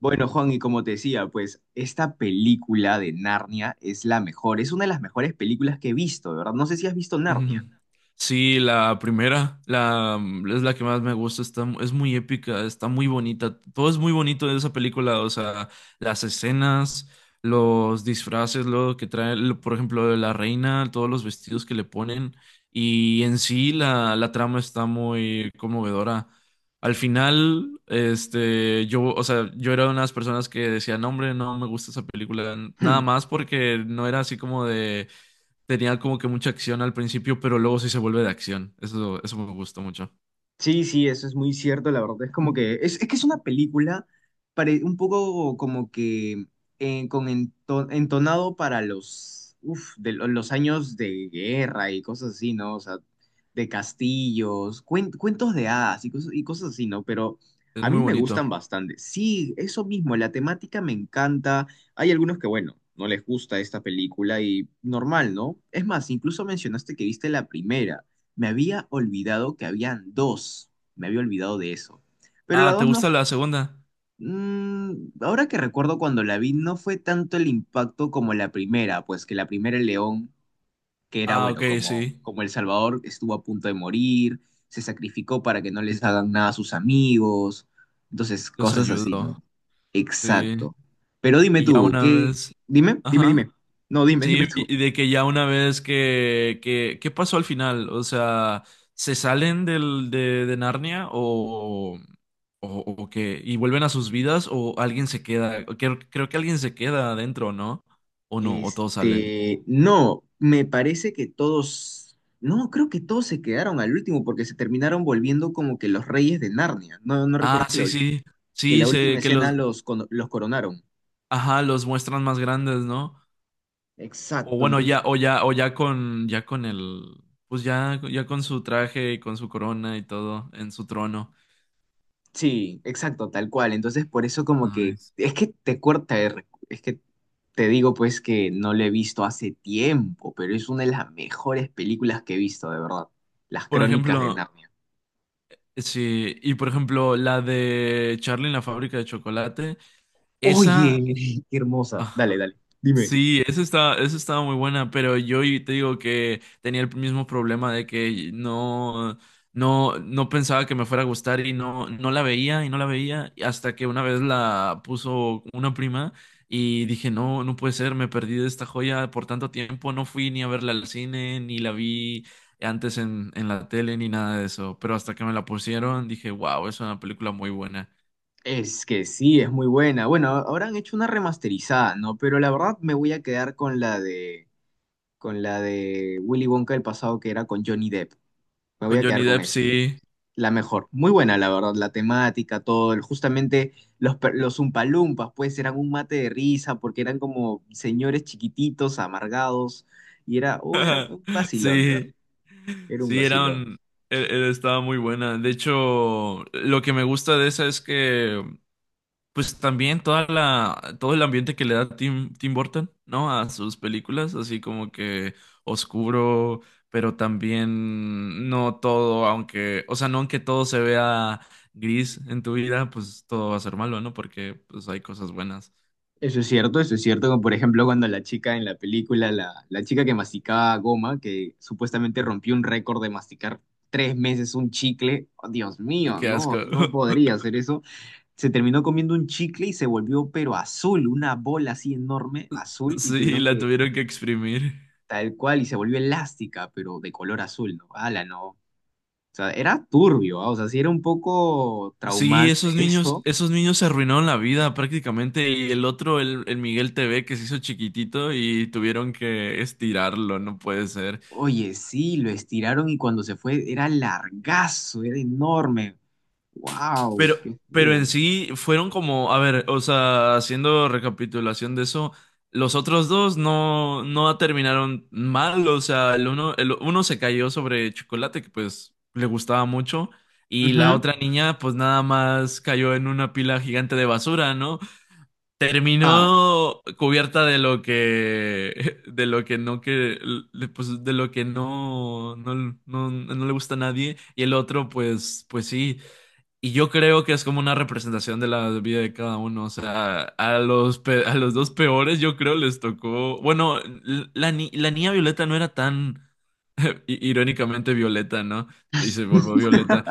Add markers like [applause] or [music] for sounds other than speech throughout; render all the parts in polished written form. Bueno, Juan, y como te decía, pues esta película de Narnia es la mejor, es una de las mejores películas que he visto, de verdad. No sé si has visto Narnia. Ujú. Sí, la primera, es la que más me gusta, está, es muy épica, está muy bonita, todo es muy bonito de esa película, o sea, las escenas, los disfraces, lo que trae, por ejemplo, de la reina, todos los vestidos que le ponen, y en sí la trama está muy conmovedora. Al final, este, yo, o sea, yo era una de las personas que decía, no, hombre, no me gusta esa película, nada [laughs] más porque no era así como de tenía como que mucha acción al principio, pero luego sí se vuelve de acción. Eso me gustó mucho. Sí, sí, eso es muy cierto, la verdad. Es como que es que es una película un poco como que con entonado para los, uf, de los años de guerra y cosas así, ¿no? O sea, de castillos, cuentos de hadas y cosas así, ¿no? Pero Es a mí muy me gustan bonito. bastante. Sí, eso mismo, la temática me encanta. Hay algunos que, bueno, no les gusta esta película y normal, ¿no? Es más, incluso mencionaste que viste la primera. Me había olvidado que habían dos. Me había olvidado de eso. Pero la Ah, ¿te dos no... gusta f- la segunda? mm, Ahora que recuerdo cuando la vi, no fue tanto el impacto como la primera, pues que la primera el león, que era, Ah, ok, bueno, como, sí. como El Salvador estuvo a punto de morir, se sacrificó para que no les hagan nada a sus amigos. Entonces, Los cosas así, ayudo. ¿no? Sí. Exacto. Pero dime Y ya tú, una ¿qué? vez. Dime, dime, Ajá. dime. No, dime, Sí, dime tú. y de que ya una vez que, ¿qué pasó al final? O sea, ¿se salen de Narnia o, o qué? ¿Y vuelven a sus vidas o alguien se queda? Creo que alguien se queda adentro, ¿no? O no, o todos salen. Este, no, me parece que todos, no, creo que todos se quedaron al último porque se terminaron volviendo como que los reyes de Narnia. ¿No, no Ah, recuerdas que la, sí, ul- sí. que Sí, la última sé que escena los, los coronaron? ajá, los muestran más grandes, ¿no? O Exacto, bueno, entonces, ya con el, pues ya con su traje y con su corona y todo en su trono. sí, exacto, tal cual. Entonces, por eso como que, Nice. es que te corta, es que te digo pues que no lo he visto hace tiempo, pero es una de las mejores películas que he visto, de verdad. Las Por Crónicas de ejemplo, Narnia. sí, y por ejemplo, la de Charlie en la fábrica de chocolate, Oye, esa, [laughs] qué hermosa. ah, Dale, dale, dime. sí, esa estaba muy buena, pero yo te digo que tenía el mismo problema de que no pensaba que me fuera a gustar y no, no la veía y no la veía y hasta que una vez la puso una prima y dije, no, no puede ser, me perdí de esta joya por tanto tiempo, no fui ni a verla al cine, ni la vi antes en la tele, ni nada de eso, pero hasta que me la pusieron dije, wow, es una película muy buena. Es que sí, es muy buena. Bueno, ahora han hecho una remasterizada, ¿no? Pero la verdad me voy a quedar con la de Willy Wonka del pasado que era con Johnny Depp. Me voy Con a Johnny quedar con Depp, esa. sí. La mejor. Muy buena, la verdad. La temática, todo. Justamente los, los Umpalumpas, pues, eran un mate de risa porque eran como señores chiquititos, amargados. Y era un vacilón, de verdad. Sí, Era un sí, era vacilón. un- e- e- estaba muy buena. De hecho, lo que me gusta de esa es que, pues también toda todo el ambiente que le da Tim Burton, ¿no? A sus películas, así como que oscuro, pero también no todo, aunque, o sea, no aunque todo se vea gris en tu vida, pues todo va a ser malo, ¿no? Porque pues hay cosas buenas. Eso es cierto, como por ejemplo cuando la chica en la película, la chica que masticaba goma, que supuestamente rompió un récord de masticar 3 meses un chicle, oh, Dios mío, Qué no, asco. no [laughs] podría hacer eso, se terminó comiendo un chicle y se volvió pero azul, una bola así enorme, azul, y Sí, tuvieron la que tuvieron que exprimir. tal cual, y se volvió elástica, pero de color azul, ¿no? Ala, no, o sea, era turbio. O sea, sí era un poco Sí, traumante esos [laughs] niños, eso, esos niños se arruinaron la vida prácticamente. Y el otro, el Miguel TV que se hizo chiquitito y tuvieron que estirarlo, no puede ser. Oye, sí, lo estiraron y cuando se fue era largazo, era enorme. ¡Wow! Pero, ¡Qué pero feo! en sí fueron como, a ver, o sea, haciendo recapitulación de eso, los otros dos no, no terminaron mal. O sea, el uno se cayó sobre chocolate, que pues le gustaba mucho. Y la Ujú. otra niña, pues nada más cayó en una pila gigante de basura, ¿no? Ah, Terminó cubierta de lo que, [laughs] de lo que no que, pues de lo que no le gusta a nadie y el otro, pues, pues sí. Y yo creo que es como una representación de la vida de cada uno. O sea, a los, a los dos peores, yo creo les tocó. Bueno, la niña Violeta no era tan irónicamente Violeta, ¿no? Y se volvió Violeta.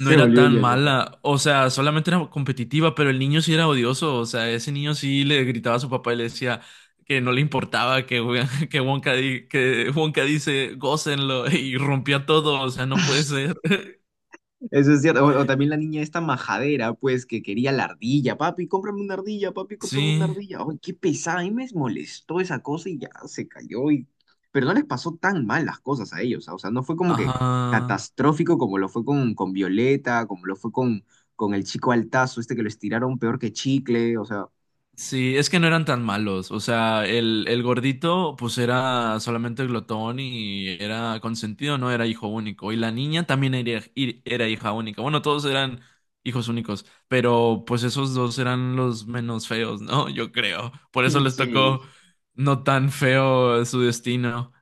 No era volvió tan violeta. mala, o sea, solamente era competitiva, pero el niño sí era odioso, o sea, ese niño sí le gritaba a su papá y le decía que no le importaba que, Won- [laughs] que Wonka, di- que Wonka dice, gócenlo, [laughs] y rompía todo, o sea, no puede ser. [laughs] Eso es cierto. O también la niña esta majadera, pues, que quería la ardilla. Papi, cómprame una ardilla, papi, cómprame una Sí, ardilla. ¡Ay, qué pesada! A mí me molestó esa cosa y ya se cayó. Y. Pero no les pasó tan mal las cosas a ellos. ¿Ah? O sea, no fue como que ajá. catastrófico como lo fue con Violeta, como lo fue con el chico Altazo, este que lo estiraron peor que chicle. O sea. Sí, es que no eran tan malos. O sea, el gordito, pues era solamente glotón y era consentido, no era hijo único. Y la niña también era, era hija única. Bueno, todos eran hijos únicos, pero pues esos dos eran los menos feos, ¿no? [laughs] Yo creo. Por eso [laughs] les Sí, tocó no tan feo su destino.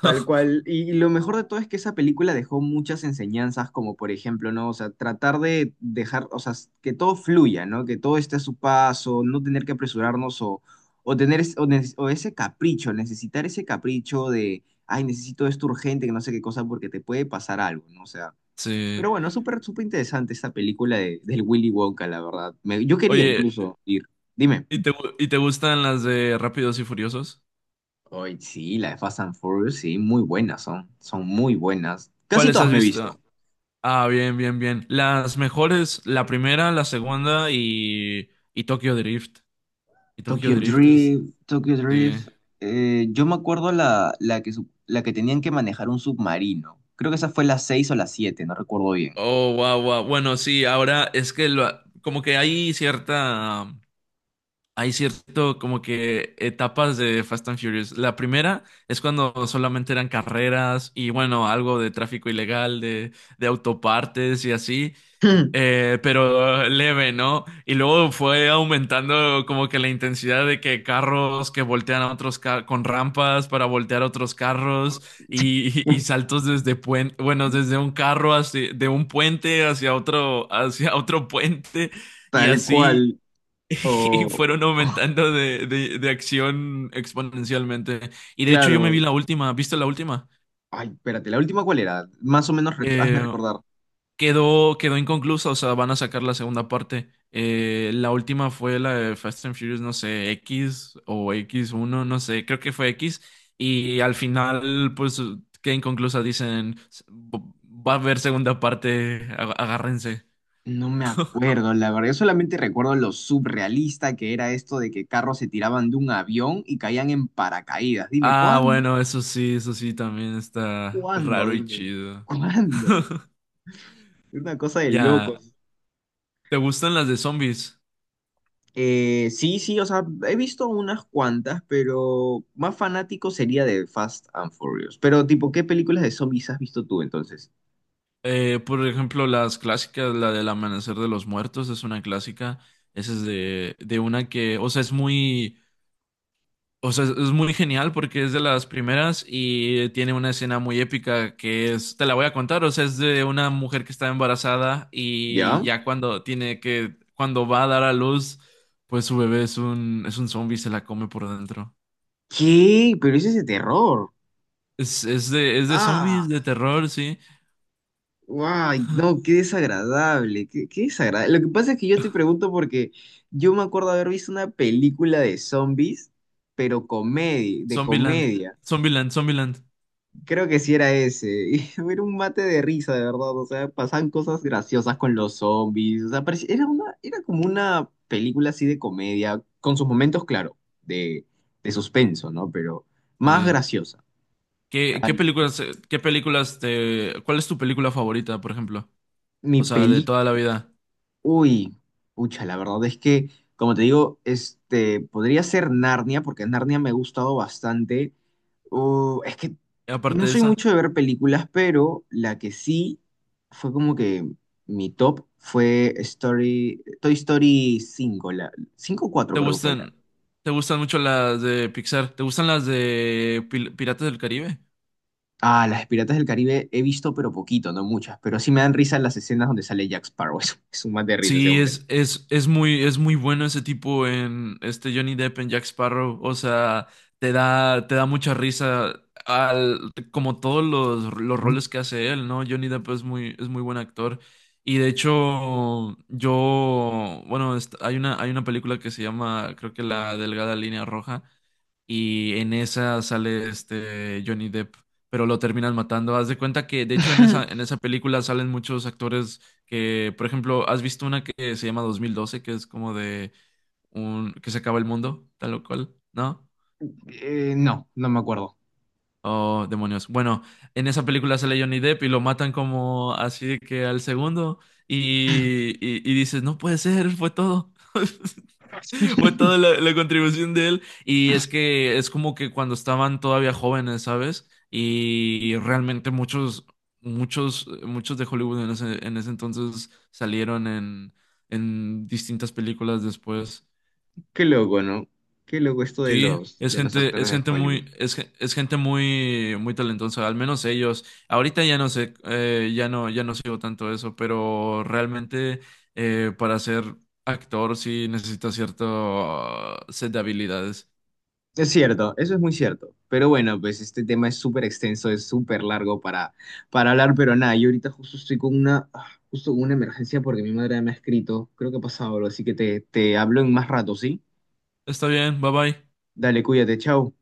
tal [laughs] cual. Y lo mejor de todo es que esa película dejó muchas enseñanzas, como por ejemplo, ¿no? O sea, tratar de dejar, o sea, que todo fluya, ¿no? Que todo esté a su paso, no tener que apresurarnos o tener es- o, nece- o ese capricho, necesitar ese capricho de, ay, necesito esto urgente, que no sé qué cosa, porque te puede pasar algo, ¿no? O sea, pero Sí. bueno, súper, súper interesante esta película de, del Willy Wonka, la verdad. Yo quería Oye, incluso ir. Dime. ¿y te, y te gustan las de Rápidos y Furiosos? Hoy sí, la de Fast and Furious, sí, muy buenas son, son muy buenas. Casi ¿Cuáles todas has me he bueno, visto? visto. Ah, bien, bien, bien. Las mejores, la primera, la segunda y Tokyo Drift. Y Tokyo Tokyo Drift es, Drift, Tokyo sí. Drift. Yo me acuerdo la que, la que tenían que manejar un submarino. Creo que esa fue la 6 o la siete, no recuerdo bien. Oh, wow, wow. Bueno, sí, ahora es que como que hay cierta, hay cierto como que etapas de Fast and Furious. La primera es cuando solamente eran carreras y bueno, algo de tráfico ilegal, de autopartes y así. Eh, pero leve, ¿no? Y luego fue aumentando como que la intensidad de que carros que voltean a otros carros con rampas para voltear a otros carros y, [laughs] y [laughs] saltos desde bueno, desde un carro hacia, de un puente hacia otro, [laughs] hacia otro puente y Tal así cual. [laughs] y O, fueron aumentando de acción exponencialmente. Y de hecho yo me vi claro. la última, ¿viste la última? Ay, espérate, ¿la última cuál era? Más o menos, hazme Eh, recordar. Quedó inconclusa, o sea, van a sacar la segunda parte. La última fue la de Fast and Furious, no sé, X o x uno no sé, creo que fue X. Y al final, pues, queda inconclusa, dicen, va a haber segunda parte, agárrense. No me acuerdo, la verdad. Yo solamente recuerdo lo surrealista que era esto de que carros se tiraban de un avión y caían en paracaídas. Dime, Ah, ¿cuándo? bueno, eso sí, también está ¿Cuándo? raro y Dime, chido. ¿cuándo? [laughs] [laughs] Es una cosa de Ya, locos. ¿te gustan las de zombies? Sí, sí, o sea, he visto unas cuantas, pero más fanático sería de Fast and Furious. Pero, tipo, ¿qué películas de zombies has visto tú entonces? Por ejemplo, las clásicas, la del Amanecer de los Muertos es una clásica. Esa es de una que, o sea, es muy, o sea, es muy genial porque es de las primeras y tiene una escena muy épica que es, te la voy a contar, o sea, es de una mujer que está embarazada y ¿Ya? ya cuando tiene que, cuando va a dar a luz, pues su bebé es un zombie, y se la come por dentro. ¿Qué? Pero ese es de terror. Es de zombies, Ah. de terror, sí. Guay, no, qué desagradable, qué desagradable. Lo que pasa es que yo te pregunto porque yo me acuerdo haber visto una película de zombies, pero comedia, de Zombieland, comedia. Zombieland. Creo que sí era ese. [laughs] Y era un mate de risa, de verdad. O sea, pasaban cosas graciosas con los zombies. O sea, era como una película así de comedia, con sus momentos, claro, de, de suspenso, ¿no? Pero más Sí. graciosa. ¿Qué, Ay, qué bueno. Qué películas te, cuál es tu película favorita, por ejemplo? Mi O sea, de película. toda la vida. Uy, pucha, la verdad es que, como te digo, este, podría ser Narnia, porque Narnia me ha gustado bastante. Es que Y no aparte de soy esa, mucho de ver películas, pero la que sí fue como que mi top fue Toy Story 5, la 5 o 4 ¿te creo que fue la. gustan, te gustan mucho las de Pixar? ¿Te gustan las de Piratas del Caribe? Ah, las de Piratas del Caribe he visto, pero poquito, no muchas, pero sí me dan risa las escenas donde sale Jack Sparrow. [laughs] Es un mate de risa ese Sí, hombre. Es muy bueno ese tipo en este Johnny Depp en Jack Sparrow. O sea, te da mucha risa al, como todos los roles que hace él, ¿no? Johnny Depp es muy buen actor. Y de hecho, yo, bueno, hay una película que se llama, creo que La Delgada Línea Roja, y en esa sale este Johnny Depp, pero lo terminan matando. Haz de cuenta que, de hecho, en [laughs] esa película salen muchos actores que, por ejemplo, ¿has visto una que se llama 2012 que es como de un que se acaba el mundo, tal o cual? ¿No? No, no me acuerdo. Oh, demonios. Bueno, en esa película sale Johnny Depp y lo matan como así de que al segundo y, y dices, no puede ser, fue todo. [laughs] Fue toda la contribución de él. Y es que es como que cuando estaban todavía jóvenes, ¿sabes? Y realmente muchos de Hollywood en ese entonces salieron en distintas películas después. Qué loco, ¿no? Qué loco esto Sí, de los actores es de gente Hollywood. muy, es gente muy, muy talentosa, al menos ellos. Ahorita ya no sé, ya no sigo tanto eso, pero realmente para ser actor sí necesita cierto set de habilidades. Es cierto, eso es muy cierto. Pero bueno, pues este tema es súper extenso, es súper largo para hablar, pero nada, yo ahorita justo estoy con una, ah, justo con una emergencia porque mi madre me ha escrito, creo que ha pasado algo, así que te hablo en más rato, ¿sí? Está bien, bye bye. Dale, cuídate, chao.